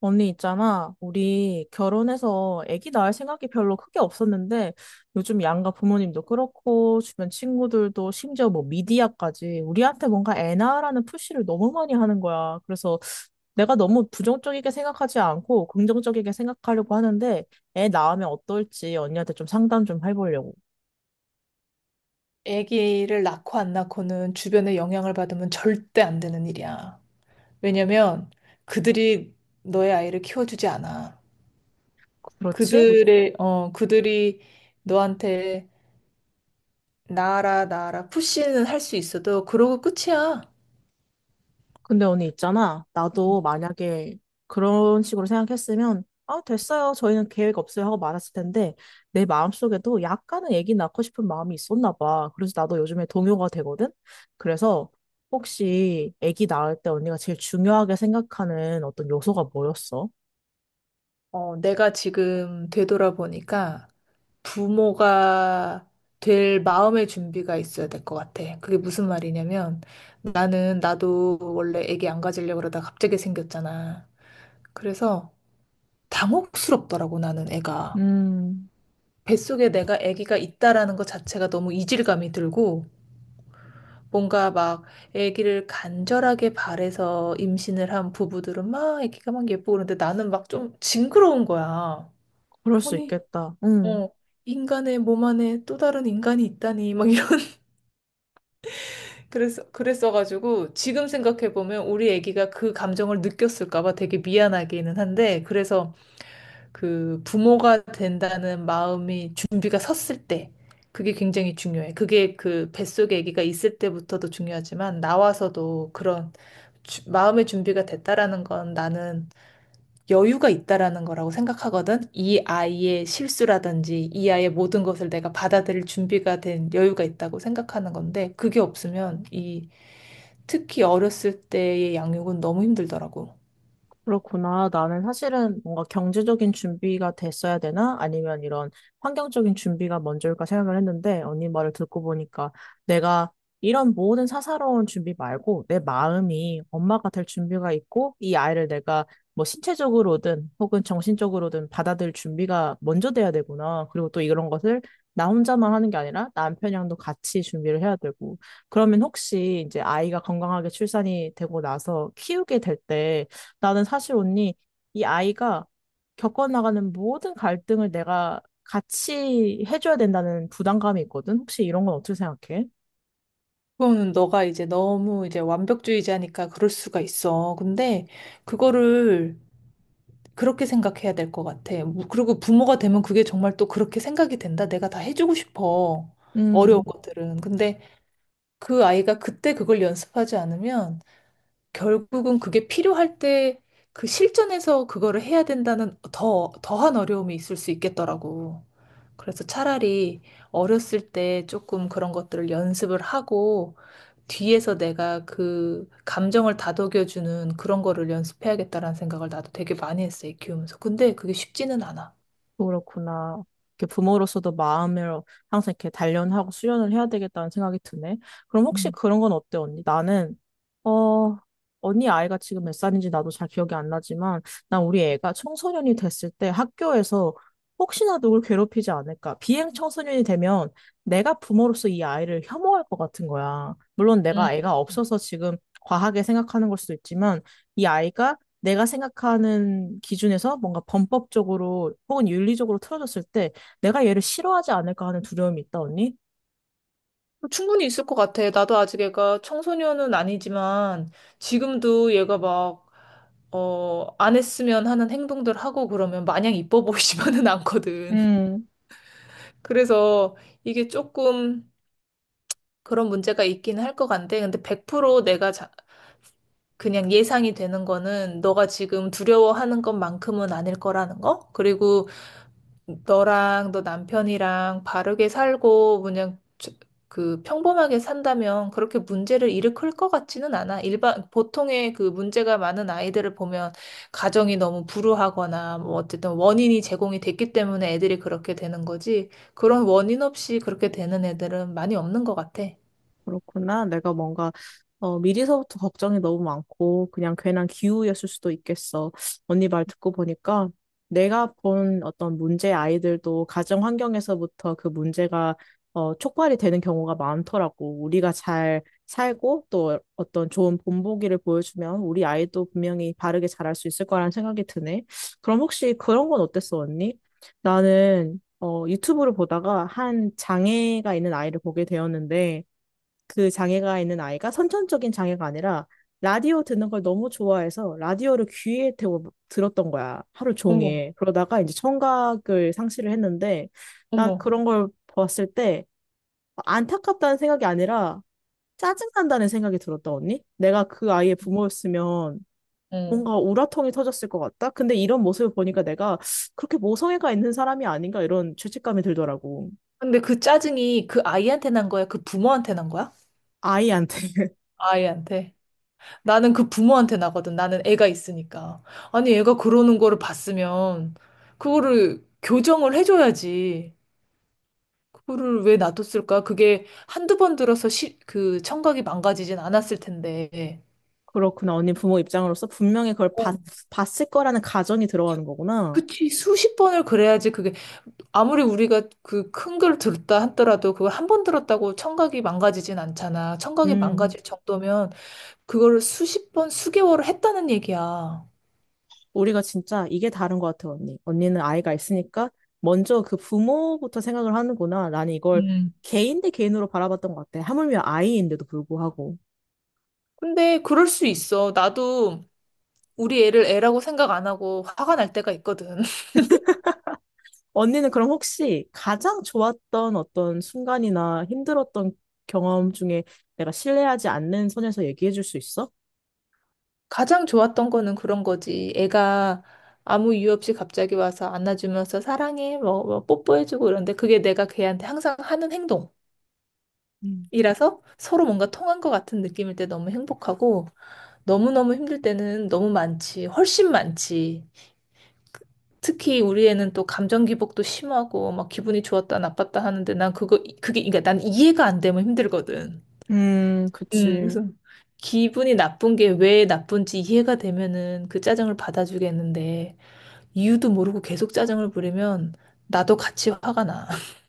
언니 있잖아. 우리 결혼해서 아기 낳을 생각이 별로 크게 없었는데 요즘 양가 부모님도 그렇고 주변 친구들도 심지어 뭐 미디어까지 우리한테 뭔가 애 낳으라는 푸시를 너무 많이 하는 거야. 그래서 내가 너무 부정적이게 생각하지 않고 긍정적이게 생각하려고 하는데 애 낳으면 어떨지 언니한테 좀 상담 좀 해보려고. 아기를 낳고 안 낳고는 주변의 영향을 받으면 절대 안 되는 일이야. 왜냐면 그들이 너의 아이를 키워주지 않아. 그렇지? 그들이 너한테 나아라, 나아라, 푸시는 할 수 있어도 그러고 끝이야. 근데 언니 있잖아. 나도 만약에 그런 식으로 생각했으면, 아, 됐어요. 저희는 계획 없어요. 하고 말았을 텐데, 내 마음속에도 약간은 애기 낳고 싶은 마음이 있었나 봐. 그래서 나도 요즘에 동요가 되거든? 그래서 혹시 애기 낳을 때 언니가 제일 중요하게 생각하는 어떤 요소가 뭐였어? 내가 지금 되돌아보니까 부모가 될 마음의 준비가 있어야 될 것 같아. 그게 무슨 말이냐면 나는 나도 원래 아기 안 가지려고 그러다 갑자기 생겼잖아. 그래서 당혹스럽더라고, 나는 애가. 음, 뱃속에 내가 애기가 있다라는 것 자체가 너무 이질감이 들고, 뭔가 막 애기를 간절하게 바래서 임신을 한 부부들은 막 애기가 막 예쁘고 그런데 나는 막 좀 징그러운 거야. 그럴 수 아니, 있겠다. 어, 인간의 몸 안에 또 다른 인간이 있다니, 막 이런. 그래서 그랬어가지고 지금 생각해 보면 우리 아기가 그 감정을 느꼈을까 봐 되게 미안하기는 한데 그래서 그 부모가 된다는 마음이 준비가 섰을 때 그게 굉장히 중요해. 그게 그 뱃속에 아기가 있을 때부터도 중요하지만 나와서도 그런 마음의 준비가 됐다라는 건 나는 여유가 있다라는 거라고 생각하거든. 이 아이의 실수라든지 이 아이의 모든 것을 내가 받아들일 준비가 된 여유가 있다고 생각하는 건데 그게 없으면 이 특히 어렸을 때의 양육은 너무 힘들더라고. 그렇구나. 나는 사실은 뭔가 경제적인 준비가 됐어야 되나? 아니면 이런 환경적인 준비가 먼저일까 생각을 했는데, 언니 말을 듣고 보니까 내가 이런 모든 사사로운 준비 말고 내 마음이 엄마가 될 준비가 있고, 이 아이를 내가 뭐 신체적으로든 혹은 정신적으로든 받아들일 준비가 먼저 돼야 되구나. 그리고 또 이런 것을 나 혼자만 하는 게 아니라 남편이랑도 같이 준비를 해야 되고. 그러면 혹시 이제 아이가 건강하게 출산이 되고 나서 키우게 될때 나는 사실 언니, 이 아이가 겪어나가는 모든 갈등을 내가 같이 해줘야 된다는 부담감이 있거든? 혹시 이런 건 어떻게 생각해? 그거는 너가 이제 너무 이제 완벽주의자니까 그럴 수가 있어. 근데 그거를 그렇게 생각해야 될 것 같아. 뭐, 그리고 부모가 되면 그게 정말 또 그렇게 생각이 된다. 내가 다 해주고 싶어. 어려운 음. 것들은. 근데 그 아이가 그때 그걸 연습하지 않으면 결국은 그게 필요할 때 그 실전에서 그거를 해야 된다는 더, 더한 어려움이 있을 수 있겠더라고. 그래서 차라리 어렸을 때 조금 그런 것들을 연습을 하고 뒤에서 내가 그 감정을 다독여주는 그런 거를 연습해야겠다라는 생각을 나도 되게 많이 했어, 애 키우면서. 근데 그게 쉽지는 않아. 그렇구나. 이렇게 부모로서도 마음을 항상 이렇게 단련하고 수련을 해야 되겠다는 생각이 드네. 그럼 혹시 음. 그런 건 어때, 언니? 나는, 어, 언니 아이가 지금 몇 살인지 나도 잘 기억이 안 나지만, 난 우리 애가 청소년이 됐을 때 학교에서 혹시나 누굴 괴롭히지 않을까. 비행 청소년이 되면 내가 부모로서 이 아이를 혐오할 것 같은 거야. 물론 음. 내가 애가 없어서 지금 과하게 생각하는 걸 수도 있지만, 이 아이가 내가 생각하는 기준에서 뭔가 범법적으로 혹은 윤리적으로 틀어졌을 때 내가 얘를 싫어하지 않을까 하는 두려움이 있다, 언니? 충분히 있을 것 같아. 나도 아직 애가 청소년은 아니지만 지금도 얘가 막 안 했으면 하는 행동들 하고 그러면 마냥 이뻐 보이지만은 않거든. 그래서 이게 조금 그런 문제가 있긴 할 것 같은데, 근데 100% 내가 그냥 예상이 되는 거는 너가 지금 두려워하는 것만큼은 아닐 거라는 거? 그리고 너랑 너 남편이랑 바르게 살고 그냥 그 평범하게 산다면 그렇게 문제를 일으킬 것 같지는 않아. 일반 보통의 그 문제가 많은 아이들을 보면 가정이 너무 불우하거나 뭐 어쨌든 원인이 제공이 됐기 때문에 애들이 그렇게 되는 거지. 그런 원인 없이 그렇게 되는 애들은 많이 없는 것 같아. 그렇구나. 내가 뭔가 미리서부터 걱정이 너무 많고 그냥 괜한 기우였을 수도 있겠어. 언니 말 듣고 보니까 내가 본 어떤 문제 아이들도 가정 환경에서부터 그 문제가 촉발이 되는 경우가 많더라고. 우리가 잘 살고 또 어떤 좋은 본보기를 보여주면 우리 아이도 분명히 바르게 자랄 수 있을 거라는 생각이 드네. 그럼 혹시 그런 건 어땠어, 언니? 나는 유튜브를 보다가 한 장애가 있는 아이를 보게 되었는데 그 장애가 있는 아이가 선천적인 장애가 아니라 라디오 듣는 걸 너무 좋아해서 라디오를 귀에 대고 들었던 거야. 하루 어머, 종일. 그러다가 이제 청각을 상실을 했는데 난 어머. 그런 걸 봤을 때 안타깝다는 생각이 아니라 짜증난다는 생각이 들었다, 언니? 내가 그 아이의 부모였으면 응. 뭔가 우라통이 터졌을 것 같다? 근데 이런 모습을 보니까 내가 그렇게 모성애가 있는 사람이 아닌가 이런 죄책감이 들더라고. 근데 그 짜증이 그 아이한테 난 거야? 그 부모한테 난 거야? 아이한테. 아이한테. 나는 그 부모한테 나거든. 나는 애가 있으니까. 아니, 애가 그러는 거를 봤으면, 그거를 교정을 해줘야지. 그거를 왜 놔뒀을까? 그게 한두 번 들어서 그 청각이 망가지진 않았을 텐데. 그렇구나. 언니 부모 입장으로서 분명히 어, 봤을 거라는 가정이 들어가는 거구나. 그치. 수십 번을 그래야지 아무리 우리가 그 큰 걸 들었다 하더라도 그걸 한 번 들었다고 청각이 망가지진 않잖아. 청각이 음, 망가질 정도면 그거를 수십 번, 수개월을 했다는 얘기야. 우리가 진짜 이게 다른 것 같아, 언니. 언니는 아이가 있으니까 먼저 그 부모부터 생각을 하는구나. 나는 이걸 음. 개인 대 개인으로 바라봤던 것 같아. 하물며 아이인데도 불구하고. 근데 그럴 수 있어. 나도 우리 애를 애라고 생각 안 하고 화가 날 때가 있거든. 언니는 그럼 혹시 가장 좋았던 어떤 순간이나 힘들었던 경험 중에 내가 신뢰하지 않는 선에서 얘기해 줄 수 있어? 가장 좋았던 거는 그런 거지. 애가 아무 이유 없이 갑자기 와서 안아주면서 사랑해, 뭐, 뽀뽀해주고 이런데 그게 내가 걔한테 항상 하는 음. 행동이라서 서로 뭔가 통한 것 같은 느낌일 때 너무 행복하고 너무너무 힘들 때는 너무 많지. 훨씬 많지. 특히 우리 애는 또 감정 기복도 심하고 막 기분이 좋았다 나빴다 하는데 난 그거 그게 그러니까 난 이해가 안 되면 힘들거든. 그치. 그래서 기분이 나쁜 게 왜 나쁜지 이해가 되면은 그 짜증을 받아주겠는데 이유도 모르고 계속 짜증을 부리면 나도 같이 화가 나.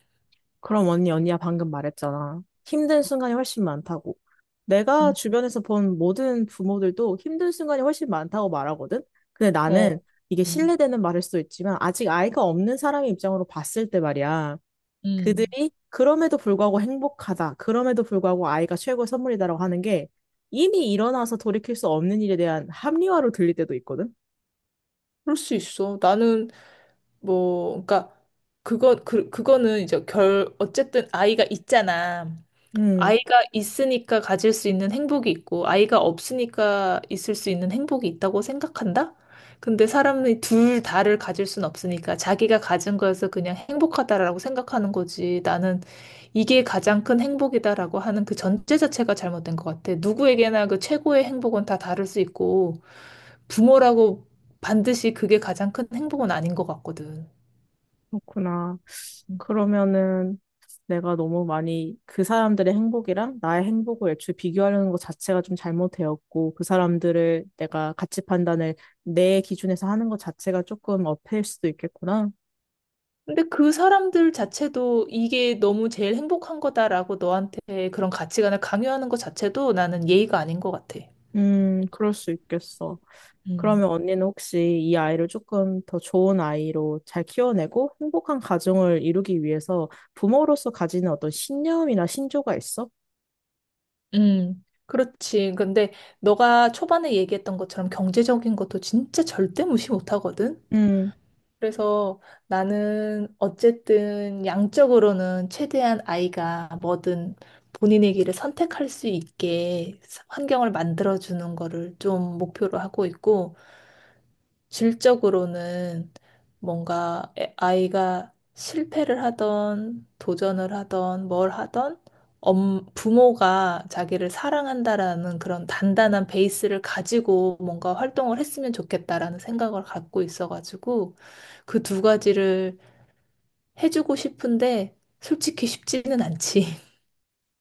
그럼 언니, 언니야 방금 말했잖아. 힘든 순간이 훨씬 많다고. 내가 음, 주변에서 본 모든 부모들도 힘든 순간이 훨씬 많다고 말하거든? 근데 나는 어, 이게 음, 신뢰되는 말일 수도 있지만 아직 아이가 없는 사람의 입장으로 봤을 때 말이야. 음. 그들이 그럼에도 불구하고 행복하다. 그럼에도 불구하고 아이가 최고의 선물이다라고 하는 게 이미 일어나서 돌이킬 수 없는 일에 대한 합리화로 들릴 때도 있거든? 그럴 수 있어. 나는 뭐, 그러니까 그거는 이제 결 어쨌든 아이가 있잖아. 음, 아이가 있으니까 가질 수 있는 행복이 있고, 아이가 없으니까 있을 수 있는 행복이 있다고 생각한다? 근데 사람이 둘 다를 가질 순 없으니까 자기가 가진 거에서 그냥 행복하다라고 생각하는 거지. 나는 이게 가장 큰 행복이다라고 하는 그 전제 자체가 잘못된 것 같아. 누구에게나 그 최고의 행복은 다 다를 수 있고, 부모라고 반드시 그게 가장 큰 행복은 아닌 것 같거든. 그렇구나. 그러면은 내가 너무 많이 그 사람들의 행복이랑 나의 행복을 애초에 비교하려는 것 자체가 좀 잘못되었고 그 사람들을 내가 가치 판단을 내 기준에서 하는 것 자체가 조금 어폐일 수도 있겠구나. 근데 그 사람들 자체도 이게 너무 제일 행복한 거다라고 너한테 그런 가치관을 강요하는 것 자체도 나는 예의가 아닌 것 같아. 그럴 수 있겠어. 음. 그러면 언니는 혹시 이 아이를 조금 더 좋은 아이로 잘 키워내고 행복한 가정을 이루기 위해서 부모로서 가지는 어떤 신념이나 신조가 있어? 그렇지. 근데 너가 초반에 얘기했던 것처럼 경제적인 것도 진짜 절대 무시 못 하거든. 음 그래서 나는 어쨌든 양적으로는 최대한 아이가 뭐든 본인의 길을 선택할 수 있게 환경을 만들어주는 거를 좀 목표로 하고 있고, 질적으로는 뭔가 아이가 실패를 하던 도전을 하던 뭘 하던 부모가 자기를 사랑한다라는 그런 단단한 베이스를 가지고 뭔가 활동을 했으면 좋겠다라는 생각을 갖고 있어가지고 그 두 가지를 해주고 싶은데 솔직히 쉽지는 않지.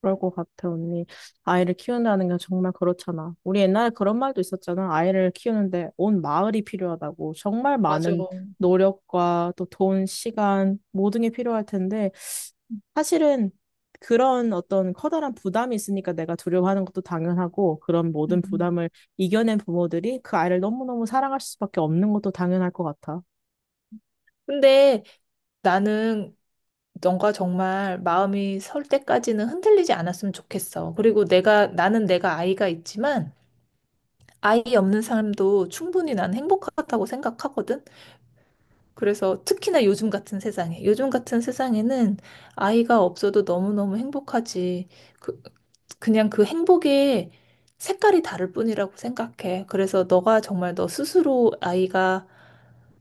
그럴 것 같아, 언니. 아이를 키운다는 게 정말 그렇잖아. 우리 옛날에 그런 말도 있었잖아. 아이를 키우는데 온 마을이 필요하다고. 정말 맞아. 많은 노력과 또 돈, 시간, 모든 게 필요할 텐데, 사실은 그런 어떤 커다란 부담이 있으니까 내가 두려워하는 것도 당연하고, 그런 모든 음. 부담을 이겨낸 부모들이 그 아이를 너무너무 사랑할 수밖에 없는 것도 당연할 것 같아. 근데 나는 너가 정말 마음이 설 때까지는 흔들리지 않았으면 좋겠어. 그리고 나는 내가 아이가 있지만, 아이 없는 삶도 충분히 난 행복하다고 생각하거든. 그래서 특히나 요즘 같은 세상에, 요즘 같은 세상에는 아이가 없어도 너무너무 행복하지. 그, 그냥 그 행복의 색깔이 다를 뿐이라고 생각해. 그래서 너가 정말 너 스스로 아이가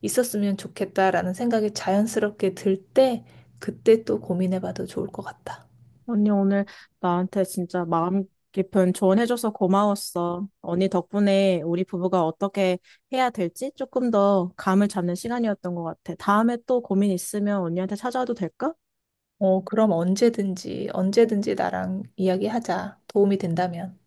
있었으면 좋겠다라는 생각이 자연스럽게 들 때, 그때 또 고민해봐도 좋을 것 같다. 언니 오늘 나한테 진짜 마음 깊은 조언해줘서 고마웠어. 언니 덕분에 우리 부부가 어떻게 해야 될지 조금 더 감을 잡는 시간이었던 것 같아. 다음에 또 고민 있으면 언니한테 찾아와도 될까? 그럼 언제든지, 언제든지 나랑 이야기하자. 도움이 된다면.